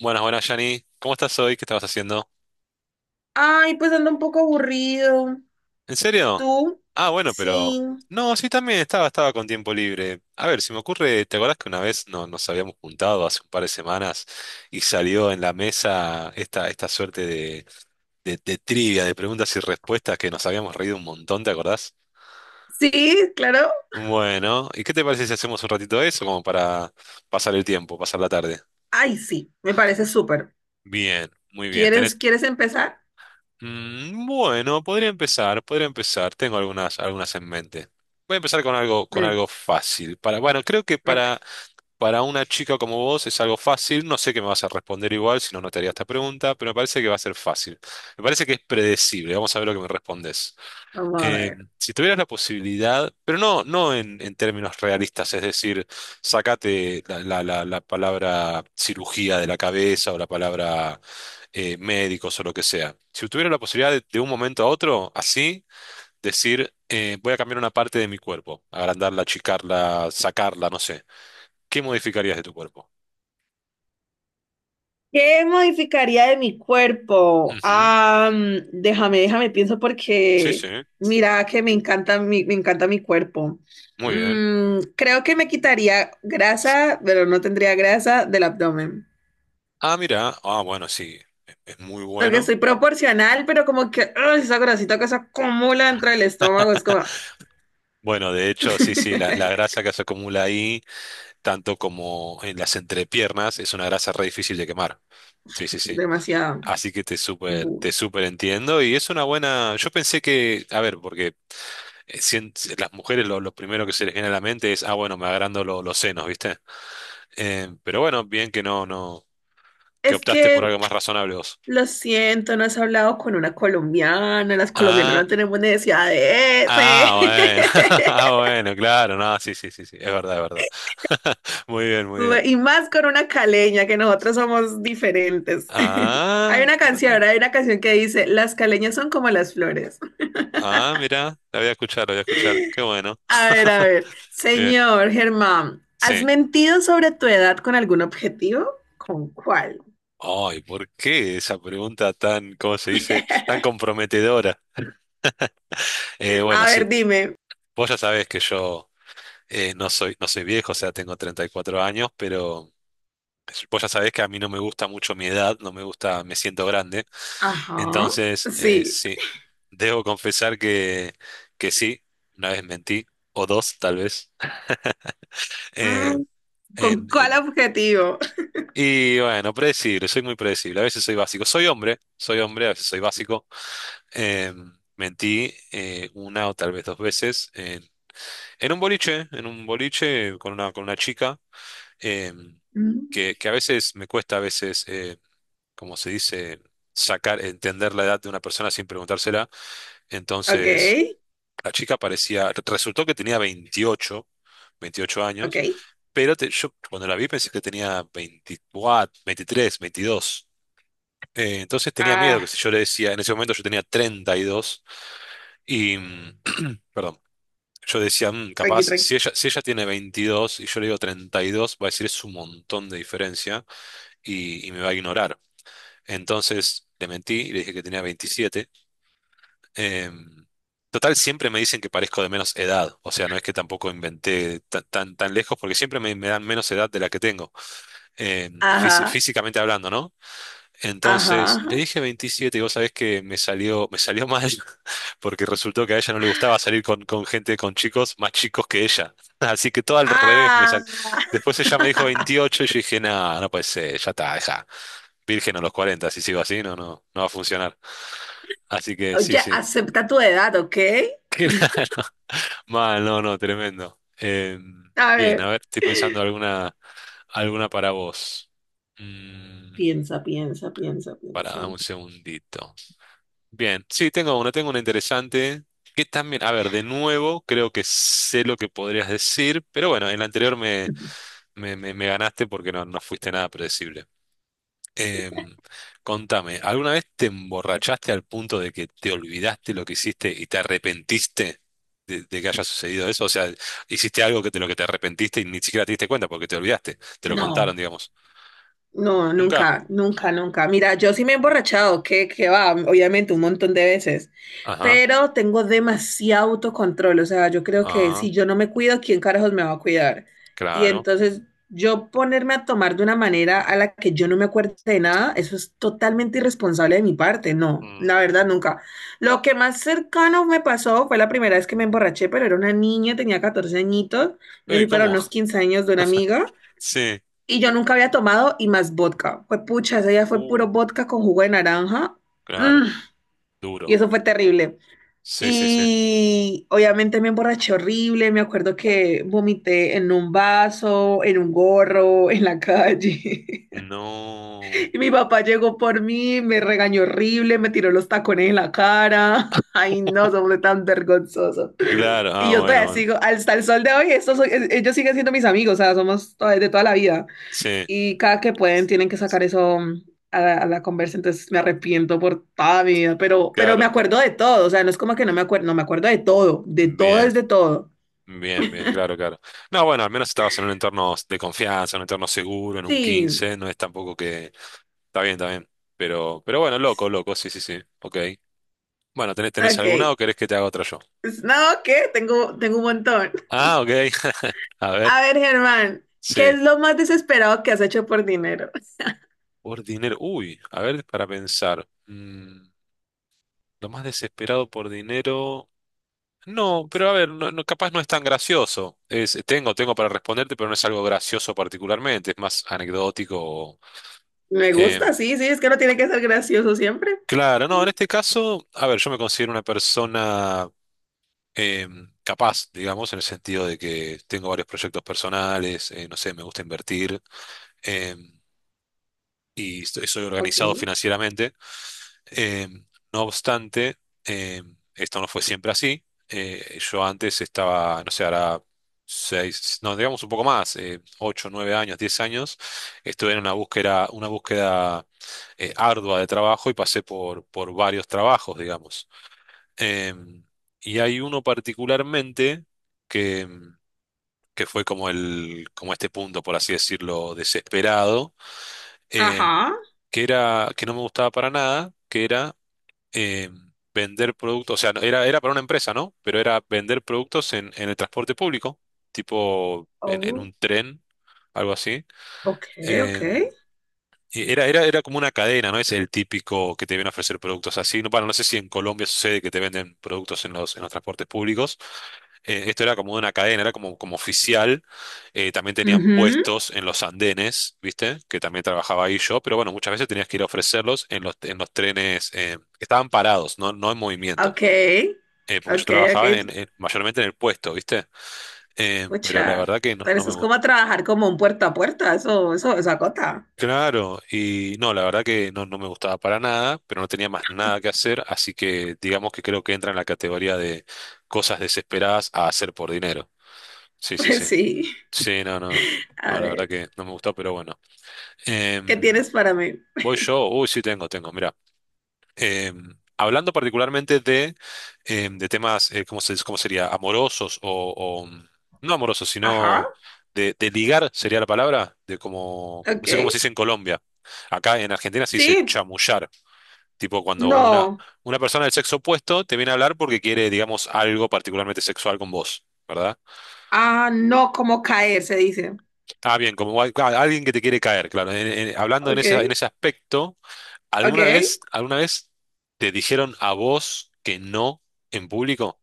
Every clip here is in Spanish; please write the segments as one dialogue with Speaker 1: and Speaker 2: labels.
Speaker 1: Buenas, buenas, Yanni. ¿Cómo estás hoy? ¿Qué estabas haciendo?
Speaker 2: Ay, pues ando un poco aburrido.
Speaker 1: ¿En serio?
Speaker 2: ¿Tú?
Speaker 1: Ah, bueno, pero...
Speaker 2: Sí.
Speaker 1: No, sí, también estaba con tiempo libre. A ver, si me ocurre, ¿te acordás que una vez no, nos habíamos juntado hace un par de semanas y salió en la mesa esta suerte de trivia, de preguntas y respuestas que nos habíamos reído un montón, ¿te acordás?
Speaker 2: Sí, claro.
Speaker 1: Bueno, ¿y qué te parece si hacemos un ratito de eso como para pasar el tiempo, pasar la tarde?
Speaker 2: Ay, sí, me parece súper.
Speaker 1: Bien, muy bien.
Speaker 2: ¿Quieres,
Speaker 1: ¿Tenés?
Speaker 2: quieres empezar?
Speaker 1: Bueno, podría empezar, podría empezar. Tengo algunas en mente. Voy a empezar con
Speaker 2: Mm,
Speaker 1: algo fácil. Para, bueno, creo que
Speaker 2: ok,
Speaker 1: para una chica como vos es algo fácil. No sé qué me vas a responder igual, si no, no te haría esta pregunta, pero me parece que va a ser fácil. Me parece que es predecible. Vamos a ver lo que me respondes,
Speaker 2: vamos a
Speaker 1: eh,
Speaker 2: ver.
Speaker 1: si tuvieras la posibilidad, pero no en términos realistas, es decir, sacate la palabra cirugía de la cabeza o la palabra, médicos o lo que sea. Si tuviera la posibilidad de un momento a otro, así, decir, voy a cambiar una parte de mi cuerpo, agrandarla, achicarla, sacarla, no sé, ¿qué modificarías de tu cuerpo?
Speaker 2: ¿Qué modificaría de mi cuerpo?
Speaker 1: Ujú,
Speaker 2: Ah, déjame pienso
Speaker 1: sí,
Speaker 2: porque
Speaker 1: sí,
Speaker 2: mira que me encanta mi cuerpo.
Speaker 1: muy bien.
Speaker 2: Creo que me quitaría grasa, pero no tendría grasa del abdomen.
Speaker 1: Ah, mira, ah, bueno, sí, es muy
Speaker 2: Porque
Speaker 1: bueno.
Speaker 2: soy proporcional, pero como que ¡ay! Esa grasita que se acumula dentro del estómago es como
Speaker 1: Bueno, de hecho, sí, sí, la grasa que se acumula ahí. Tanto como en las entrepiernas, es una grasa re difícil de quemar. Sí, sí, sí.
Speaker 2: demasiado.
Speaker 1: Así que
Speaker 2: Bu.
Speaker 1: te súper entiendo y es una buena... Yo pensé que, a ver, porque eh, sien- las mujeres lo primero que se les viene a la mente es, ah, bueno, me agrando los senos, ¿viste? Pero bueno, bien que no, no, que
Speaker 2: Es
Speaker 1: optaste por
Speaker 2: que
Speaker 1: algo más razonable vos.
Speaker 2: lo siento, no has hablado con una colombiana, las colombianas
Speaker 1: Ah,
Speaker 2: no tenemos necesidad de
Speaker 1: ah, bueno,
Speaker 2: ese.
Speaker 1: ah, bueno, claro, no, sí, sí, sí, sí, es verdad, es verdad. Muy bien, muy bien.
Speaker 2: Y más con una caleña, que nosotros somos diferentes.
Speaker 1: Ah, bueno.
Speaker 2: Hay una canción que dice, las caleñas son como las flores.
Speaker 1: Ah, mira, la voy a escuchar, la voy a escuchar. Qué bueno.
Speaker 2: A ver, a ver.
Speaker 1: Bien,
Speaker 2: Señor Germán, ¿has
Speaker 1: sí.
Speaker 2: mentido sobre tu edad con algún objetivo? ¿Con cuál?
Speaker 1: Ay, ¿por qué esa pregunta tan, cómo se dice, tan comprometedora? Eh,
Speaker 2: A
Speaker 1: bueno,
Speaker 2: ver,
Speaker 1: sí,
Speaker 2: dime.
Speaker 1: vos ya sabés que yo, no soy viejo, o sea, tengo 34 años, pero vos ya sabés que a mí no me gusta mucho mi edad, no me gusta, me siento grande.
Speaker 2: Ajá.
Speaker 1: Entonces,
Speaker 2: Sí.
Speaker 1: sí, debo confesar que sí, una vez mentí, o dos tal vez. Eh,
Speaker 2: Mm. ¿Con
Speaker 1: en,
Speaker 2: cuál
Speaker 1: en-
Speaker 2: objetivo?
Speaker 1: y bueno, predecible, soy muy predecible, a veces soy básico. Soy hombre, a veces soy básico. Eh, mentí, una o tal vez dos veces en un boliche con una chica, eh,
Speaker 2: Mm.
Speaker 1: que a veces me cuesta, a veces, como se dice, sacar, entender la edad de una persona sin preguntársela.
Speaker 2: Ok,
Speaker 1: Entonces, la chica parecía, resultó que tenía veintiocho
Speaker 2: ok.
Speaker 1: años, pero yo cuando la vi pensé que tenía 24, 23, 22. Entonces tenía miedo que
Speaker 2: Ah,
Speaker 1: si yo le decía, en ese momento yo tenía treinta y... dos y perdón. Yo decía, "Mm,
Speaker 2: tranqui,
Speaker 1: capaz,
Speaker 2: tranqui.
Speaker 1: si ella tiene 22 y yo le digo 32, va a decir es un montón de diferencia y me va a ignorar". Entonces le mentí y le dije que tenía 27. Em, total, siempre me dicen que parezco de menos edad. O sea, no es que tampoco inventé tan lejos porque siempre me dan menos edad de la que tengo,
Speaker 2: Ajá,
Speaker 1: físicamente hablando, ¿no?
Speaker 2: ajá,
Speaker 1: Entonces le
Speaker 2: ajá.
Speaker 1: dije 27 y vos sabés que me salió mal, porque resultó que a ella no le gustaba salir con gente, con chicos más chicos que ella. Así que todo al revés me
Speaker 2: Ah,
Speaker 1: salió. Después ella me dijo 28 y yo dije, no, no puede ser, ya está, deja. Virgen a los 40, si sigo así, no, no, no va a funcionar. Así que sí,
Speaker 2: oye,
Speaker 1: sí.
Speaker 2: acepta tu edad, ¿ok?
Speaker 1: Claro. Mal, no, no, tremendo. Eh,
Speaker 2: A
Speaker 1: bien, a
Speaker 2: ver.
Speaker 1: ver, estoy pensando alguna para vos. Mm,
Speaker 2: Piensa, piensa, piensa,
Speaker 1: para,
Speaker 2: piensa.
Speaker 1: dame un segundito. Bien, sí, tengo una interesante. Que también, a ver, de nuevo, creo que sé lo que podrías decir, pero bueno, en la anterior me, me, me- me ganaste porque no fuiste nada predecible. Em, contame, ¿alguna vez te emborrachaste al punto de que te olvidaste lo que hiciste y te arrepentiste de que haya sucedido eso? O sea, hiciste algo que de lo que te arrepentiste y ni siquiera te diste cuenta porque te olvidaste, te lo
Speaker 2: No.
Speaker 1: contaron, digamos.
Speaker 2: No,
Speaker 1: ¿Nunca?
Speaker 2: nunca, nunca, nunca. Mira, yo sí me he emborrachado, que va, obviamente un montón de veces,
Speaker 1: Ajá,
Speaker 2: pero tengo demasiado autocontrol, o sea, yo creo que
Speaker 1: ah,
Speaker 2: si yo no me cuido, ¿quién carajos me va a cuidar? Y
Speaker 1: claro.
Speaker 2: entonces yo ponerme a tomar de una manera a la que yo no me acuerde de nada, eso es totalmente irresponsable de mi parte, no,
Speaker 1: Mm.
Speaker 2: la verdad, nunca. Lo que más cercano me pasó fue la primera vez que me emborraché, pero era una niña, tenía 14 añitos, me
Speaker 1: Uy,
Speaker 2: fui para
Speaker 1: ¿cómo?
Speaker 2: unos 15 años de una amiga.
Speaker 1: Sí.
Speaker 2: Y yo nunca había tomado y más vodka. Fue pucha, ese día fue
Speaker 1: Uh,
Speaker 2: puro vodka con jugo de naranja.
Speaker 1: claro.
Speaker 2: Mm, y
Speaker 1: Duro.
Speaker 2: eso fue terrible.
Speaker 1: Sí, sí, sí.
Speaker 2: Y obviamente me emborraché horrible. Me acuerdo que vomité en un vaso, en un gorro, en la calle.
Speaker 1: No.
Speaker 2: Y mi papá llegó por mí, me regañó horrible, me tiró los tacones en la cara. Ay, no, somos tan vergonzosos.
Speaker 1: Claro,
Speaker 2: Y
Speaker 1: ah,
Speaker 2: yo
Speaker 1: bueno,
Speaker 2: todavía
Speaker 1: bueno.
Speaker 2: sigo, hasta el sol de hoy, ellos siguen siendo mis amigos, o sea, de toda la vida.
Speaker 1: Sí,
Speaker 2: Y cada que pueden tienen que sacar eso a a la conversa, entonces me arrepiento por toda mi vida, pero me
Speaker 1: claro.
Speaker 2: acuerdo de todo, o sea, no es como que no me acuerdo de todo es
Speaker 1: Bien,
Speaker 2: de todo.
Speaker 1: bien, bien, claro, claro. No, bueno, al menos estabas en un entorno de confianza, en un entorno seguro, en un
Speaker 2: Sí,
Speaker 1: 15 no es tampoco que... Está bien, está bien. Pero bueno, loco, loco, sí, sí, sí. Ok. Bueno, ¿tenés alguna
Speaker 2: ok.
Speaker 1: o querés que te haga otra yo?
Speaker 2: Pues, no, ¿qué? Tengo, tengo un montón.
Speaker 1: Ah, ok. A ver,
Speaker 2: A ver, Germán, ¿qué
Speaker 1: sí.
Speaker 2: es lo más desesperado que has hecho por dinero?
Speaker 1: Por dinero. Uy, a ver, para pensar. Lo más desesperado por dinero. No, pero a ver, capaz no es tan gracioso. Tengo para responderte, pero no es algo gracioso particularmente, es más anecdótico.
Speaker 2: Me gusta,
Speaker 1: Em,
Speaker 2: sí, sí, es que no tiene que ser gracioso siempre.
Speaker 1: claro, no, en este caso, a ver, yo me considero una persona capaz, digamos, en el sentido de que tengo varios proyectos personales, no sé, me gusta invertir, em, y soy
Speaker 2: Ok.
Speaker 1: organizado financieramente. Eh, no obstante, eh, esto no fue siempre así. Yo antes estaba, no sé, ahora seis, no, digamos un poco más, ocho, 9 años, 10 años, estuve en una búsqueda ardua de trabajo y pasé por varios trabajos, digamos. Eh, y hay uno particularmente que, que fue como como este punto, por así decirlo, desesperado, eh,
Speaker 2: Ajá.
Speaker 1: que era, que no me gustaba para nada, que era, eh, vender productos, o sea, era para una empresa, ¿no? Pero era vender productos en el transporte público, tipo en
Speaker 2: Oh,
Speaker 1: un tren, algo así.
Speaker 2: ok, ok.
Speaker 1: em, y era como una cadena, ¿no? Es el típico que te viene a ofrecer productos así. No, bueno, no sé si en Colombia sucede que te venden productos en los transportes públicos. Esto era como una cadena, era como oficial. También tenían
Speaker 2: Ujú.
Speaker 1: puestos en los andenes, ¿viste? Que también trabajaba ahí yo. Pero bueno, muchas veces tenías que ir a ofrecerlos en los trenes, que estaban parados, no en movimiento.
Speaker 2: Ok,
Speaker 1: Porque yo
Speaker 2: ok, ok.
Speaker 1: trabajaba mayormente en el puesto, ¿viste? Pero la
Speaker 2: Pucha,
Speaker 1: verdad que no,
Speaker 2: pero
Speaker 1: no
Speaker 2: eso
Speaker 1: me
Speaker 2: es
Speaker 1: gustó.
Speaker 2: como a trabajar como un puerta a puerta, eso acota.
Speaker 1: Claro, y no, la verdad que no, no me gustaba para nada, pero no tenía más nada que hacer, así que digamos que creo que entra en la categoría de cosas desesperadas a hacer por dinero. Sí, sí,
Speaker 2: Pues
Speaker 1: sí.
Speaker 2: sí.
Speaker 1: Sí, no, no,
Speaker 2: A
Speaker 1: no, la verdad
Speaker 2: ver,
Speaker 1: que no me gustó, pero bueno.
Speaker 2: ¿qué
Speaker 1: Em,
Speaker 2: tienes para mí?
Speaker 1: voy yo, uy, sí tengo, mira. Hablando particularmente de temas, ¿cómo sería? Amorosos o no amorosos, sino
Speaker 2: Ajá.
Speaker 1: de ligar, sería la palabra, de como, no sé cómo se
Speaker 2: Ok.
Speaker 1: dice en Colombia. Acá en Argentina se dice
Speaker 2: Sí.
Speaker 1: chamullar, tipo cuando una,
Speaker 2: No.
Speaker 1: una persona del sexo opuesto te viene a hablar porque quiere, digamos, algo particularmente sexual con vos, ¿verdad?
Speaker 2: Ah, no, como caer, se dice.
Speaker 1: Ah, bien, alguien que te quiere caer, claro. Hablando en
Speaker 2: Ok.
Speaker 1: ese aspecto.
Speaker 2: Ok.
Speaker 1: Alguna vez te dijeron a vos que no en público?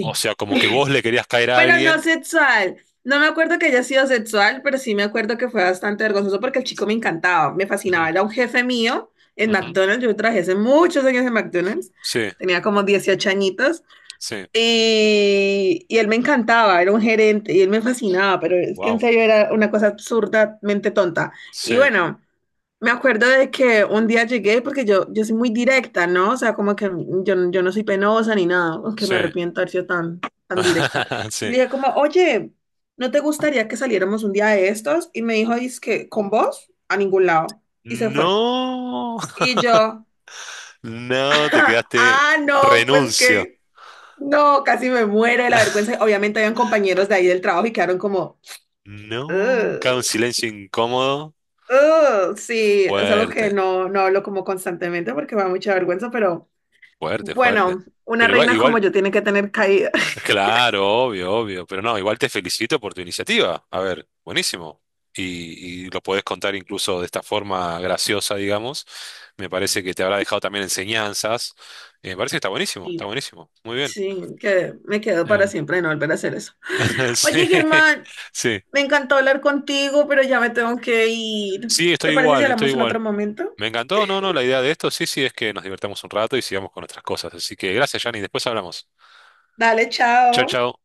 Speaker 1: O sea, como que vos le querías caer a
Speaker 2: Pero no
Speaker 1: alguien.
Speaker 2: sexual. No me acuerdo que haya sido sexual, pero sí me acuerdo que fue bastante vergonzoso porque el chico me encantaba, me fascinaba.
Speaker 1: Ujú,
Speaker 2: Era un jefe mío en
Speaker 1: ujú.
Speaker 2: McDonald's. Yo trabajé hace muchos años en McDonald's.
Speaker 1: Sí,
Speaker 2: Tenía como 18 añitos.
Speaker 1: sí.
Speaker 2: Y él me encantaba, era un gerente y él me fascinaba, pero es que en
Speaker 1: Wow.
Speaker 2: serio era una cosa absurdamente tonta. Y
Speaker 1: Sí,
Speaker 2: bueno. Me acuerdo de que un día llegué porque yo soy muy directa, ¿no? O sea, como que yo no soy penosa ni nada, aunque
Speaker 1: sí.
Speaker 2: me arrepiento de haber sido tan, tan directa. Y le
Speaker 1: Sí.
Speaker 2: dije como, oye, ¿no te gustaría que saliéramos un día de estos? Y me dijo, es que con vos a ningún lado. Y se fue.
Speaker 1: No.
Speaker 2: Y yo,
Speaker 1: No, te quedaste.
Speaker 2: ah, no, pues
Speaker 1: Renuncio.
Speaker 2: que, no, casi me muero de la vergüenza. Obviamente habían compañeros de ahí del trabajo y quedaron como,
Speaker 1: No. Cada un
Speaker 2: "Ugh,
Speaker 1: silencio incómodo.
Speaker 2: ugh". Sí, es algo que
Speaker 1: Fuerte,
Speaker 2: no hablo como constantemente porque me da mucha vergüenza, pero...
Speaker 1: fuerte, fuerte.
Speaker 2: Bueno, una
Speaker 1: Pero igual,
Speaker 2: reina como
Speaker 1: igual,
Speaker 2: yo tiene que tener caída.
Speaker 1: claro, obvio, obvio, pero no, igual te felicito por tu iniciativa. A ver, buenísimo. Y lo podés contar incluso de esta forma graciosa, digamos. Me parece que te habrá dejado también enseñanzas. Me parece que está buenísimo, está
Speaker 2: Sí,
Speaker 1: buenísimo. Muy bien.
Speaker 2: sí, que me quedo para
Speaker 1: Em,
Speaker 2: siempre de no volver a hacer eso.
Speaker 1: sí,
Speaker 2: Oye, Germán,
Speaker 1: sí,
Speaker 2: me encantó hablar contigo, pero ya me tengo que ir.
Speaker 1: sí, estoy
Speaker 2: ¿Te parece si
Speaker 1: igual, estoy
Speaker 2: hablamos en
Speaker 1: igual.
Speaker 2: otro momento?
Speaker 1: Me encantó, no, no, la idea de esto, sí, sí, es que nos divertamos un rato y sigamos con otras cosas. Así que gracias, Yanni, después hablamos.
Speaker 2: Dale,
Speaker 1: Chao,
Speaker 2: chao.
Speaker 1: chao.